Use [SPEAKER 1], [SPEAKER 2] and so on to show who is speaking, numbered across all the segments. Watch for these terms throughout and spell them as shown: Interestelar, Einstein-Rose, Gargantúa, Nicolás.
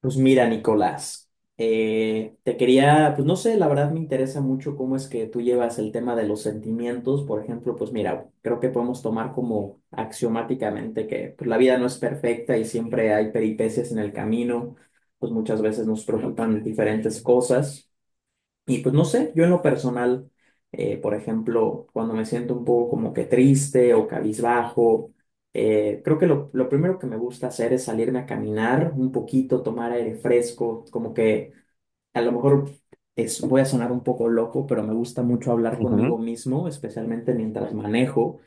[SPEAKER 1] Pues mira, Nicolás, te quería, pues no sé, la verdad me interesa mucho cómo es que tú llevas el tema de los sentimientos. Por ejemplo, pues mira, creo que podemos tomar como axiomáticamente que pues, la vida no es perfecta y siempre hay peripecias en el camino, pues muchas veces nos preocupan diferentes cosas. Y pues no sé, yo en lo personal, por ejemplo, cuando me siento un poco como que triste o cabizbajo, creo que lo primero que me gusta hacer es salirme a caminar un poquito, tomar aire fresco, como que a lo mejor es, voy a sonar un poco loco, pero me gusta mucho hablar
[SPEAKER 2] Ujú.
[SPEAKER 1] conmigo mismo, especialmente mientras manejo.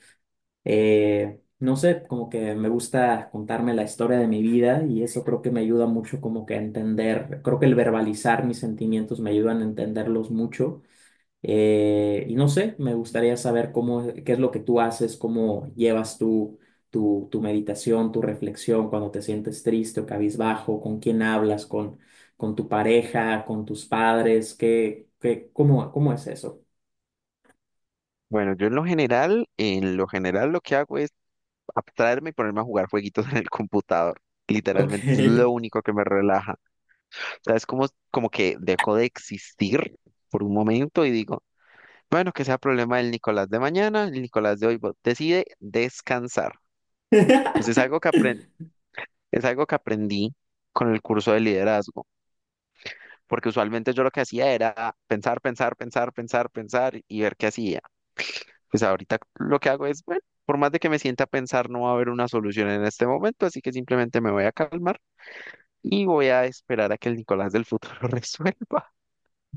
[SPEAKER 1] No sé, como que me gusta contarme la historia de mi vida y eso creo que me ayuda mucho como que a entender, creo que el verbalizar mis sentimientos me ayudan a entenderlos mucho. Y no sé, me gustaría saber cómo, qué es lo que tú haces, cómo llevas tu meditación, tu reflexión cuando te sientes triste o cabizbajo, con quién hablas, con tu pareja, con tus padres, cómo, cómo es eso.
[SPEAKER 2] Bueno, yo en lo general lo que hago es abstraerme y ponerme a jugar jueguitos en el computador.
[SPEAKER 1] Ok.
[SPEAKER 2] Literalmente es lo único que me relaja. O sea, es como, como que dejo de existir por un momento y digo, bueno, que sea problema del Nicolás de mañana, el Nicolás de hoy decide descansar. Pues es algo que aprendí, es algo que aprendí con el curso de liderazgo, porque usualmente yo lo que hacía era pensar, pensar, pensar, pensar, pensar y ver qué hacía. Pues ahorita lo que hago es, bueno, por más de que me sienta a pensar, no va a haber una solución en este momento, así que simplemente me voy a calmar y voy a esperar a que el Nicolás del futuro resuelva.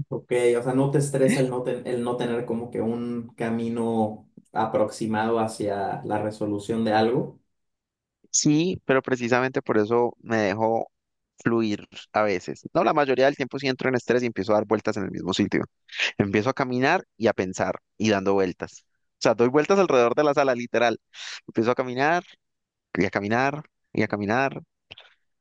[SPEAKER 1] Ok, o sea, no te estresa el el no tener como que un camino aproximado hacia la resolución de algo.
[SPEAKER 2] Sí, pero precisamente por eso me dejo fluir a veces. No, la mayoría del tiempo sí entro en estrés y empiezo a dar vueltas en el mismo sitio. Empiezo a caminar y a pensar y dando vueltas. O sea, doy vueltas alrededor de la sala, literal. Empiezo a caminar y a caminar y a caminar.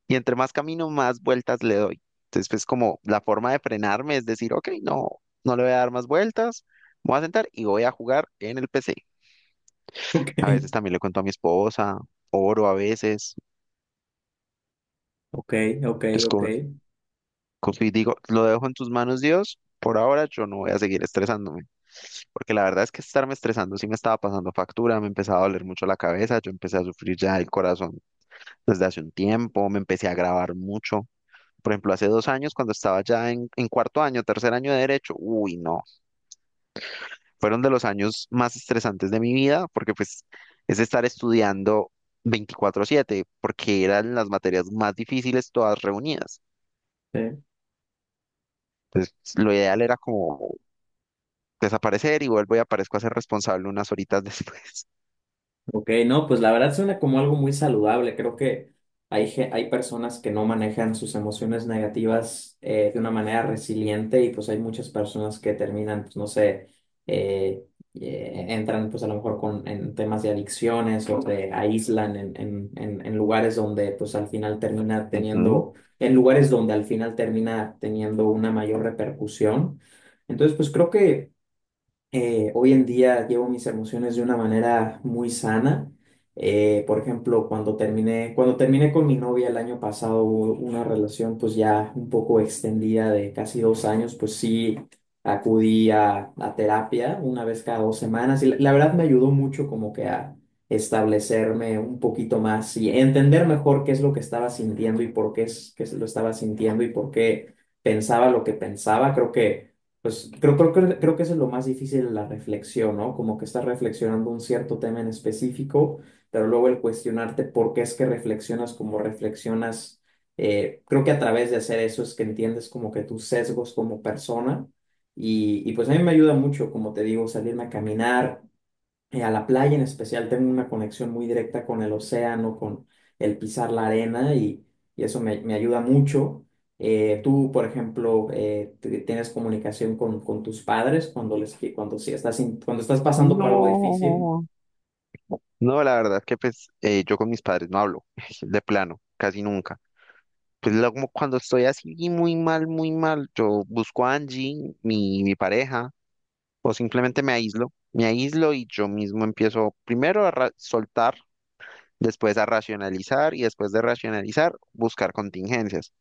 [SPEAKER 2] Y entre más camino, más vueltas le doy. Entonces, pues como la forma de frenarme es decir, ok, no, no le voy a dar más vueltas, me voy a sentar y voy a jugar en el PC.
[SPEAKER 1] Ok,
[SPEAKER 2] A veces también le cuento a mi esposa, oro a veces.
[SPEAKER 1] ok, ok,
[SPEAKER 2] Entonces,
[SPEAKER 1] ok.
[SPEAKER 2] confío y digo, lo dejo en tus manos, Dios. Por ahora yo no voy a seguir estresándome, porque la verdad es que estarme estresando sí me estaba pasando factura, me empezaba a doler mucho la cabeza, yo empecé a sufrir ya el corazón desde hace un tiempo, me empecé a grabar mucho. Por ejemplo, hace 2 años, cuando estaba ya en cuarto año, tercer año de derecho, uy, no, fueron de los años más estresantes de mi vida, porque pues es estar estudiando 24/7, porque eran las materias más difíciles todas reunidas.
[SPEAKER 1] Sí.
[SPEAKER 2] Entonces, lo ideal era como desaparecer y vuelvo y aparezco a ser responsable unas horitas después.
[SPEAKER 1] Ok, no, pues la verdad suena como algo muy saludable. Creo que hay personas que no manejan sus emociones negativas de una manera resiliente y pues hay muchas personas que terminan, pues no sé, eh, entran pues a lo mejor con, en temas de adicciones o se aíslan en lugares donde pues al final termina
[SPEAKER 2] Ujú.
[SPEAKER 1] teniendo, en lugares donde al final termina teniendo una mayor repercusión. Entonces, pues creo que hoy en día llevo mis emociones de una manera muy sana. Por ejemplo, cuando terminé con mi novia el año pasado, hubo una relación pues ya un poco extendida de casi dos años, pues sí acudí a terapia una vez cada dos semanas y la verdad me ayudó mucho como que a establecerme un poquito más y entender mejor qué es lo que estaba sintiendo y por qué es que lo estaba sintiendo y por qué pensaba lo que pensaba. Creo que creo que eso es lo más difícil en la reflexión, ¿no? Como que estás reflexionando un cierto tema en específico, pero luego el cuestionarte por qué es que reflexionas como reflexionas, creo que a través de hacer eso es que entiendes como que tus sesgos como persona y pues a mí me ayuda mucho, como te digo, salirme a caminar, a la playa en especial tengo una conexión muy directa con el océano, con el pisar la arena y eso me, me ayuda mucho. Tú, por ejemplo, tienes comunicación con tus padres cuando les cuando estás pasando por algo difícil.
[SPEAKER 2] No, no, la verdad que pues yo con mis padres no hablo, de plano, casi nunca. Como cuando estoy así muy mal, yo busco a Angie, mi pareja, o simplemente me aíslo. Me aíslo y yo mismo empiezo primero a soltar, después a racionalizar y después de racionalizar, buscar contingencias.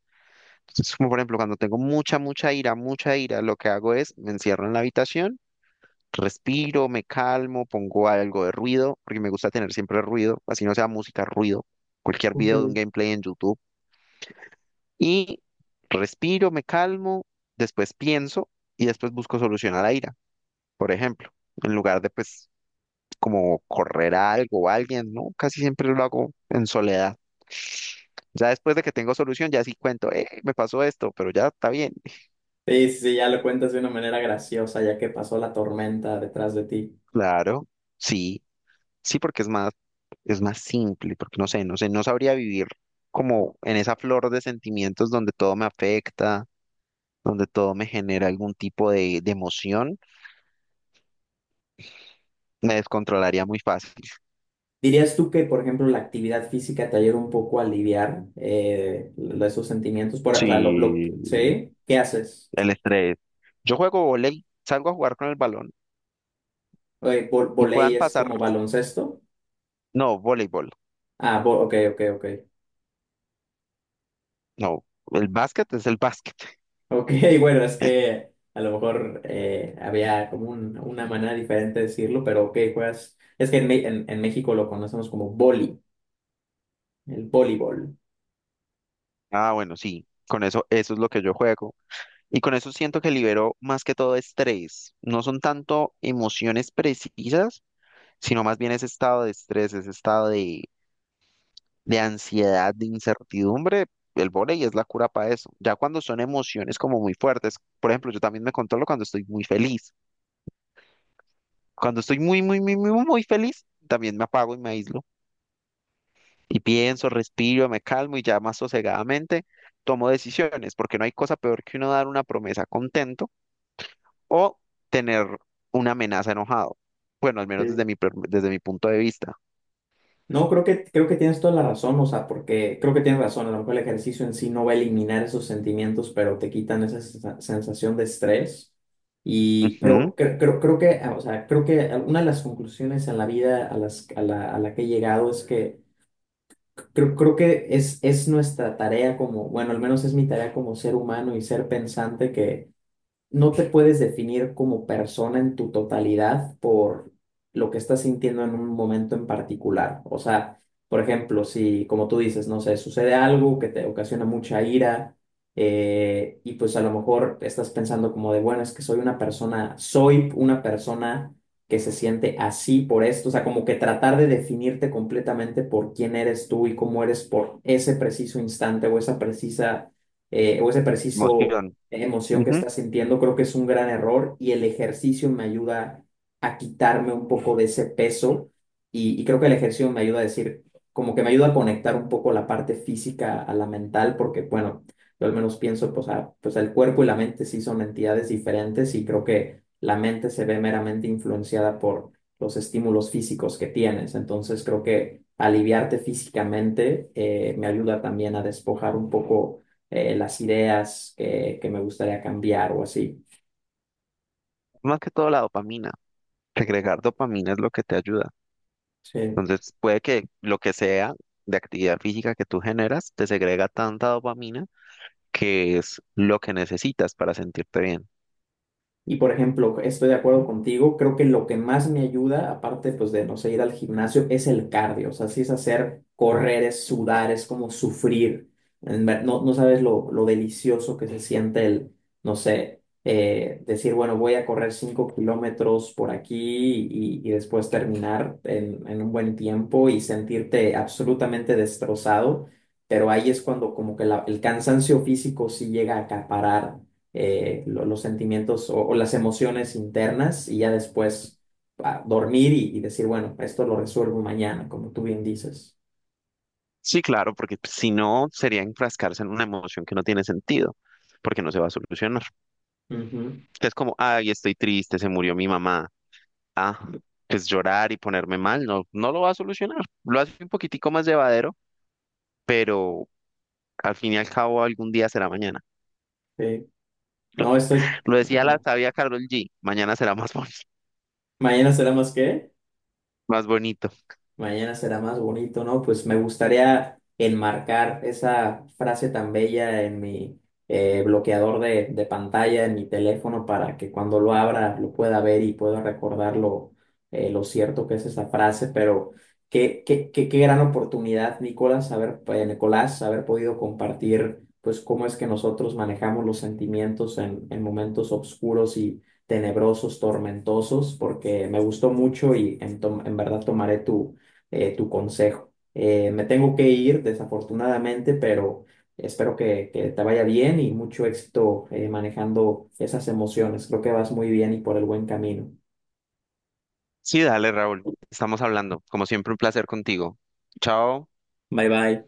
[SPEAKER 2] Entonces, como por ejemplo, cuando tengo mucha, mucha ira, lo que hago es me encierro en la habitación, respiro, me calmo, pongo algo de ruido, porque me gusta tener siempre ruido, así no sea música, ruido, cualquier video de un
[SPEAKER 1] Okay.
[SPEAKER 2] gameplay en YouTube y respiro, me calmo, después pienso y después busco solución a la ira, por ejemplo, en lugar de pues como correr a algo o a alguien, ¿no? Casi siempre lo hago en soledad. Ya después de que tengo solución, ya sí cuento, me pasó esto, pero ya está bien.
[SPEAKER 1] Sí, sí, ya lo cuentas de una manera graciosa, ya que pasó la tormenta detrás de ti.
[SPEAKER 2] Claro, sí, sí, porque es más simple, porque no sé, no sé, no sabría vivir como en esa flor de sentimientos donde todo me afecta, donde todo me genera algún tipo de emoción, me descontrolaría muy fácil.
[SPEAKER 1] ¿Dirías tú que, por ejemplo, la actividad física te ayuda un poco a aliviar esos sentimientos? Por, o sea,
[SPEAKER 2] Sí,
[SPEAKER 1] ¿sí? ¿Qué haces?
[SPEAKER 2] el estrés. Yo juego volei, salgo a jugar con el balón y
[SPEAKER 1] Voley
[SPEAKER 2] puedan
[SPEAKER 1] es
[SPEAKER 2] pasar.
[SPEAKER 1] como baloncesto.
[SPEAKER 2] No, voleibol.
[SPEAKER 1] Ok, ok, ok.
[SPEAKER 2] No, el básquet es el básquet.
[SPEAKER 1] Ok, bueno, es que a lo mejor había como una manera diferente de decirlo, pero ok, juegas. Es que en, en México lo conocemos como voli, el voleibol.
[SPEAKER 2] Ah, bueno, sí, con eso, eso es lo que yo juego. Y con eso siento que libero más que todo estrés. No son tanto emociones precisas, sino más bien ese estado de estrés, ese estado de ansiedad, de incertidumbre. El vóley es la cura para eso. Ya cuando son emociones como muy fuertes, por ejemplo, yo también me controlo cuando estoy muy feliz. Cuando estoy muy, muy, muy, muy, muy feliz, también me apago y me aíslo. Y pienso, respiro, me calmo y ya más sosegadamente tomo decisiones, porque no hay cosa peor que uno dar una promesa contento o tener una amenaza enojado. Bueno, al menos desde desde mi punto de vista.
[SPEAKER 1] No, creo que tienes toda la razón, o sea, porque creo que tienes razón, a lo mejor el ejercicio en sí no va a eliminar esos sentimientos, pero te quitan esa sensación de estrés. Y,
[SPEAKER 2] Ujú.
[SPEAKER 1] pero creo que, ah, o sea, creo que una de las conclusiones en la vida a la que he llegado es que creo que es nuestra tarea como, bueno, al menos es mi tarea como ser humano y ser pensante no te puedes definir como persona en tu totalidad por lo que estás sintiendo en un momento en particular. O sea, por ejemplo, si, como tú dices, no sé, sucede algo que te ocasiona mucha ira y pues a lo mejor estás pensando como de, bueno, es que soy una persona que se siente así por esto, o sea, como que tratar de definirte completamente por quién eres tú y cómo eres por ese preciso instante o esa precisa, o ese preciso
[SPEAKER 2] Emoción.
[SPEAKER 1] emoción que
[SPEAKER 2] Ujú.
[SPEAKER 1] estás sintiendo, creo que es un gran error y el ejercicio me ayuda a quitarme un poco de ese peso y creo que el ejercicio me ayuda a decir, como que me ayuda a conectar un poco la parte física a la mental, porque bueno, yo al menos pienso, pues, pues el cuerpo y la mente sí son entidades diferentes y creo que la mente se ve meramente influenciada por los estímulos físicos que tienes, entonces creo que aliviarte físicamente me ayuda también a despojar un poco las ideas que me gustaría cambiar o así.
[SPEAKER 2] Más que todo la dopamina. Regregar dopamina es lo que te ayuda.
[SPEAKER 1] Sí.
[SPEAKER 2] Entonces, puede que lo que sea de actividad física que tú generas te segrega tanta dopamina que es lo que necesitas para sentirte bien.
[SPEAKER 1] Y por ejemplo, estoy de acuerdo contigo, creo que lo que más me ayuda, aparte pues de, no sé, ir al gimnasio, es el cardio, o sea, sí es hacer correr, es sudar, es como sufrir. No, no sabes lo delicioso que se siente el, no sé, decir, bueno, voy a correr 5 kilómetros por aquí y después terminar en un buen tiempo y sentirte absolutamente destrozado, pero ahí es cuando como que el cansancio físico sí llega a acaparar los sentimientos o las emociones internas y ya después dormir y decir, bueno, esto lo resuelvo mañana, como tú bien dices.
[SPEAKER 2] Sí, claro, porque pues, si no sería enfrascarse en una emoción que no tiene sentido, porque no se va a solucionar.
[SPEAKER 1] Ujú,
[SPEAKER 2] Es como, ay, estoy triste, se murió mi mamá. Ah, pues llorar y ponerme mal no, no lo va a solucionar. Lo hace un poquitico más llevadero, pero al fin y al cabo algún día será mañana.
[SPEAKER 1] sí. No estoy...
[SPEAKER 2] Lo decía la
[SPEAKER 1] Ajá.
[SPEAKER 2] sabia Carol G, mañana será más,
[SPEAKER 1] ¿Mañana será más qué?
[SPEAKER 2] más bonito.
[SPEAKER 1] Mañana será más bonito, ¿no? Pues me gustaría enmarcar esa frase tan bella en mi bloqueador de pantalla, en mi teléfono, para que cuando lo abra lo pueda ver y pueda recordar lo cierto que es esa frase. Pero qué gran oportunidad, Nicolás, haber podido compartir, pues, cómo es que nosotros manejamos los sentimientos en momentos oscuros y tenebrosos, tormentosos, porque me gustó mucho y en, en verdad tomaré tu tu consejo. Me tengo que ir, desafortunadamente, pero espero que te vaya bien y mucho éxito manejando esas emociones. Creo que vas muy bien y por el buen camino.
[SPEAKER 2] Sí, dale, Raúl. Estamos hablando. Como siempre, un placer contigo. Chao.
[SPEAKER 1] Bye bye.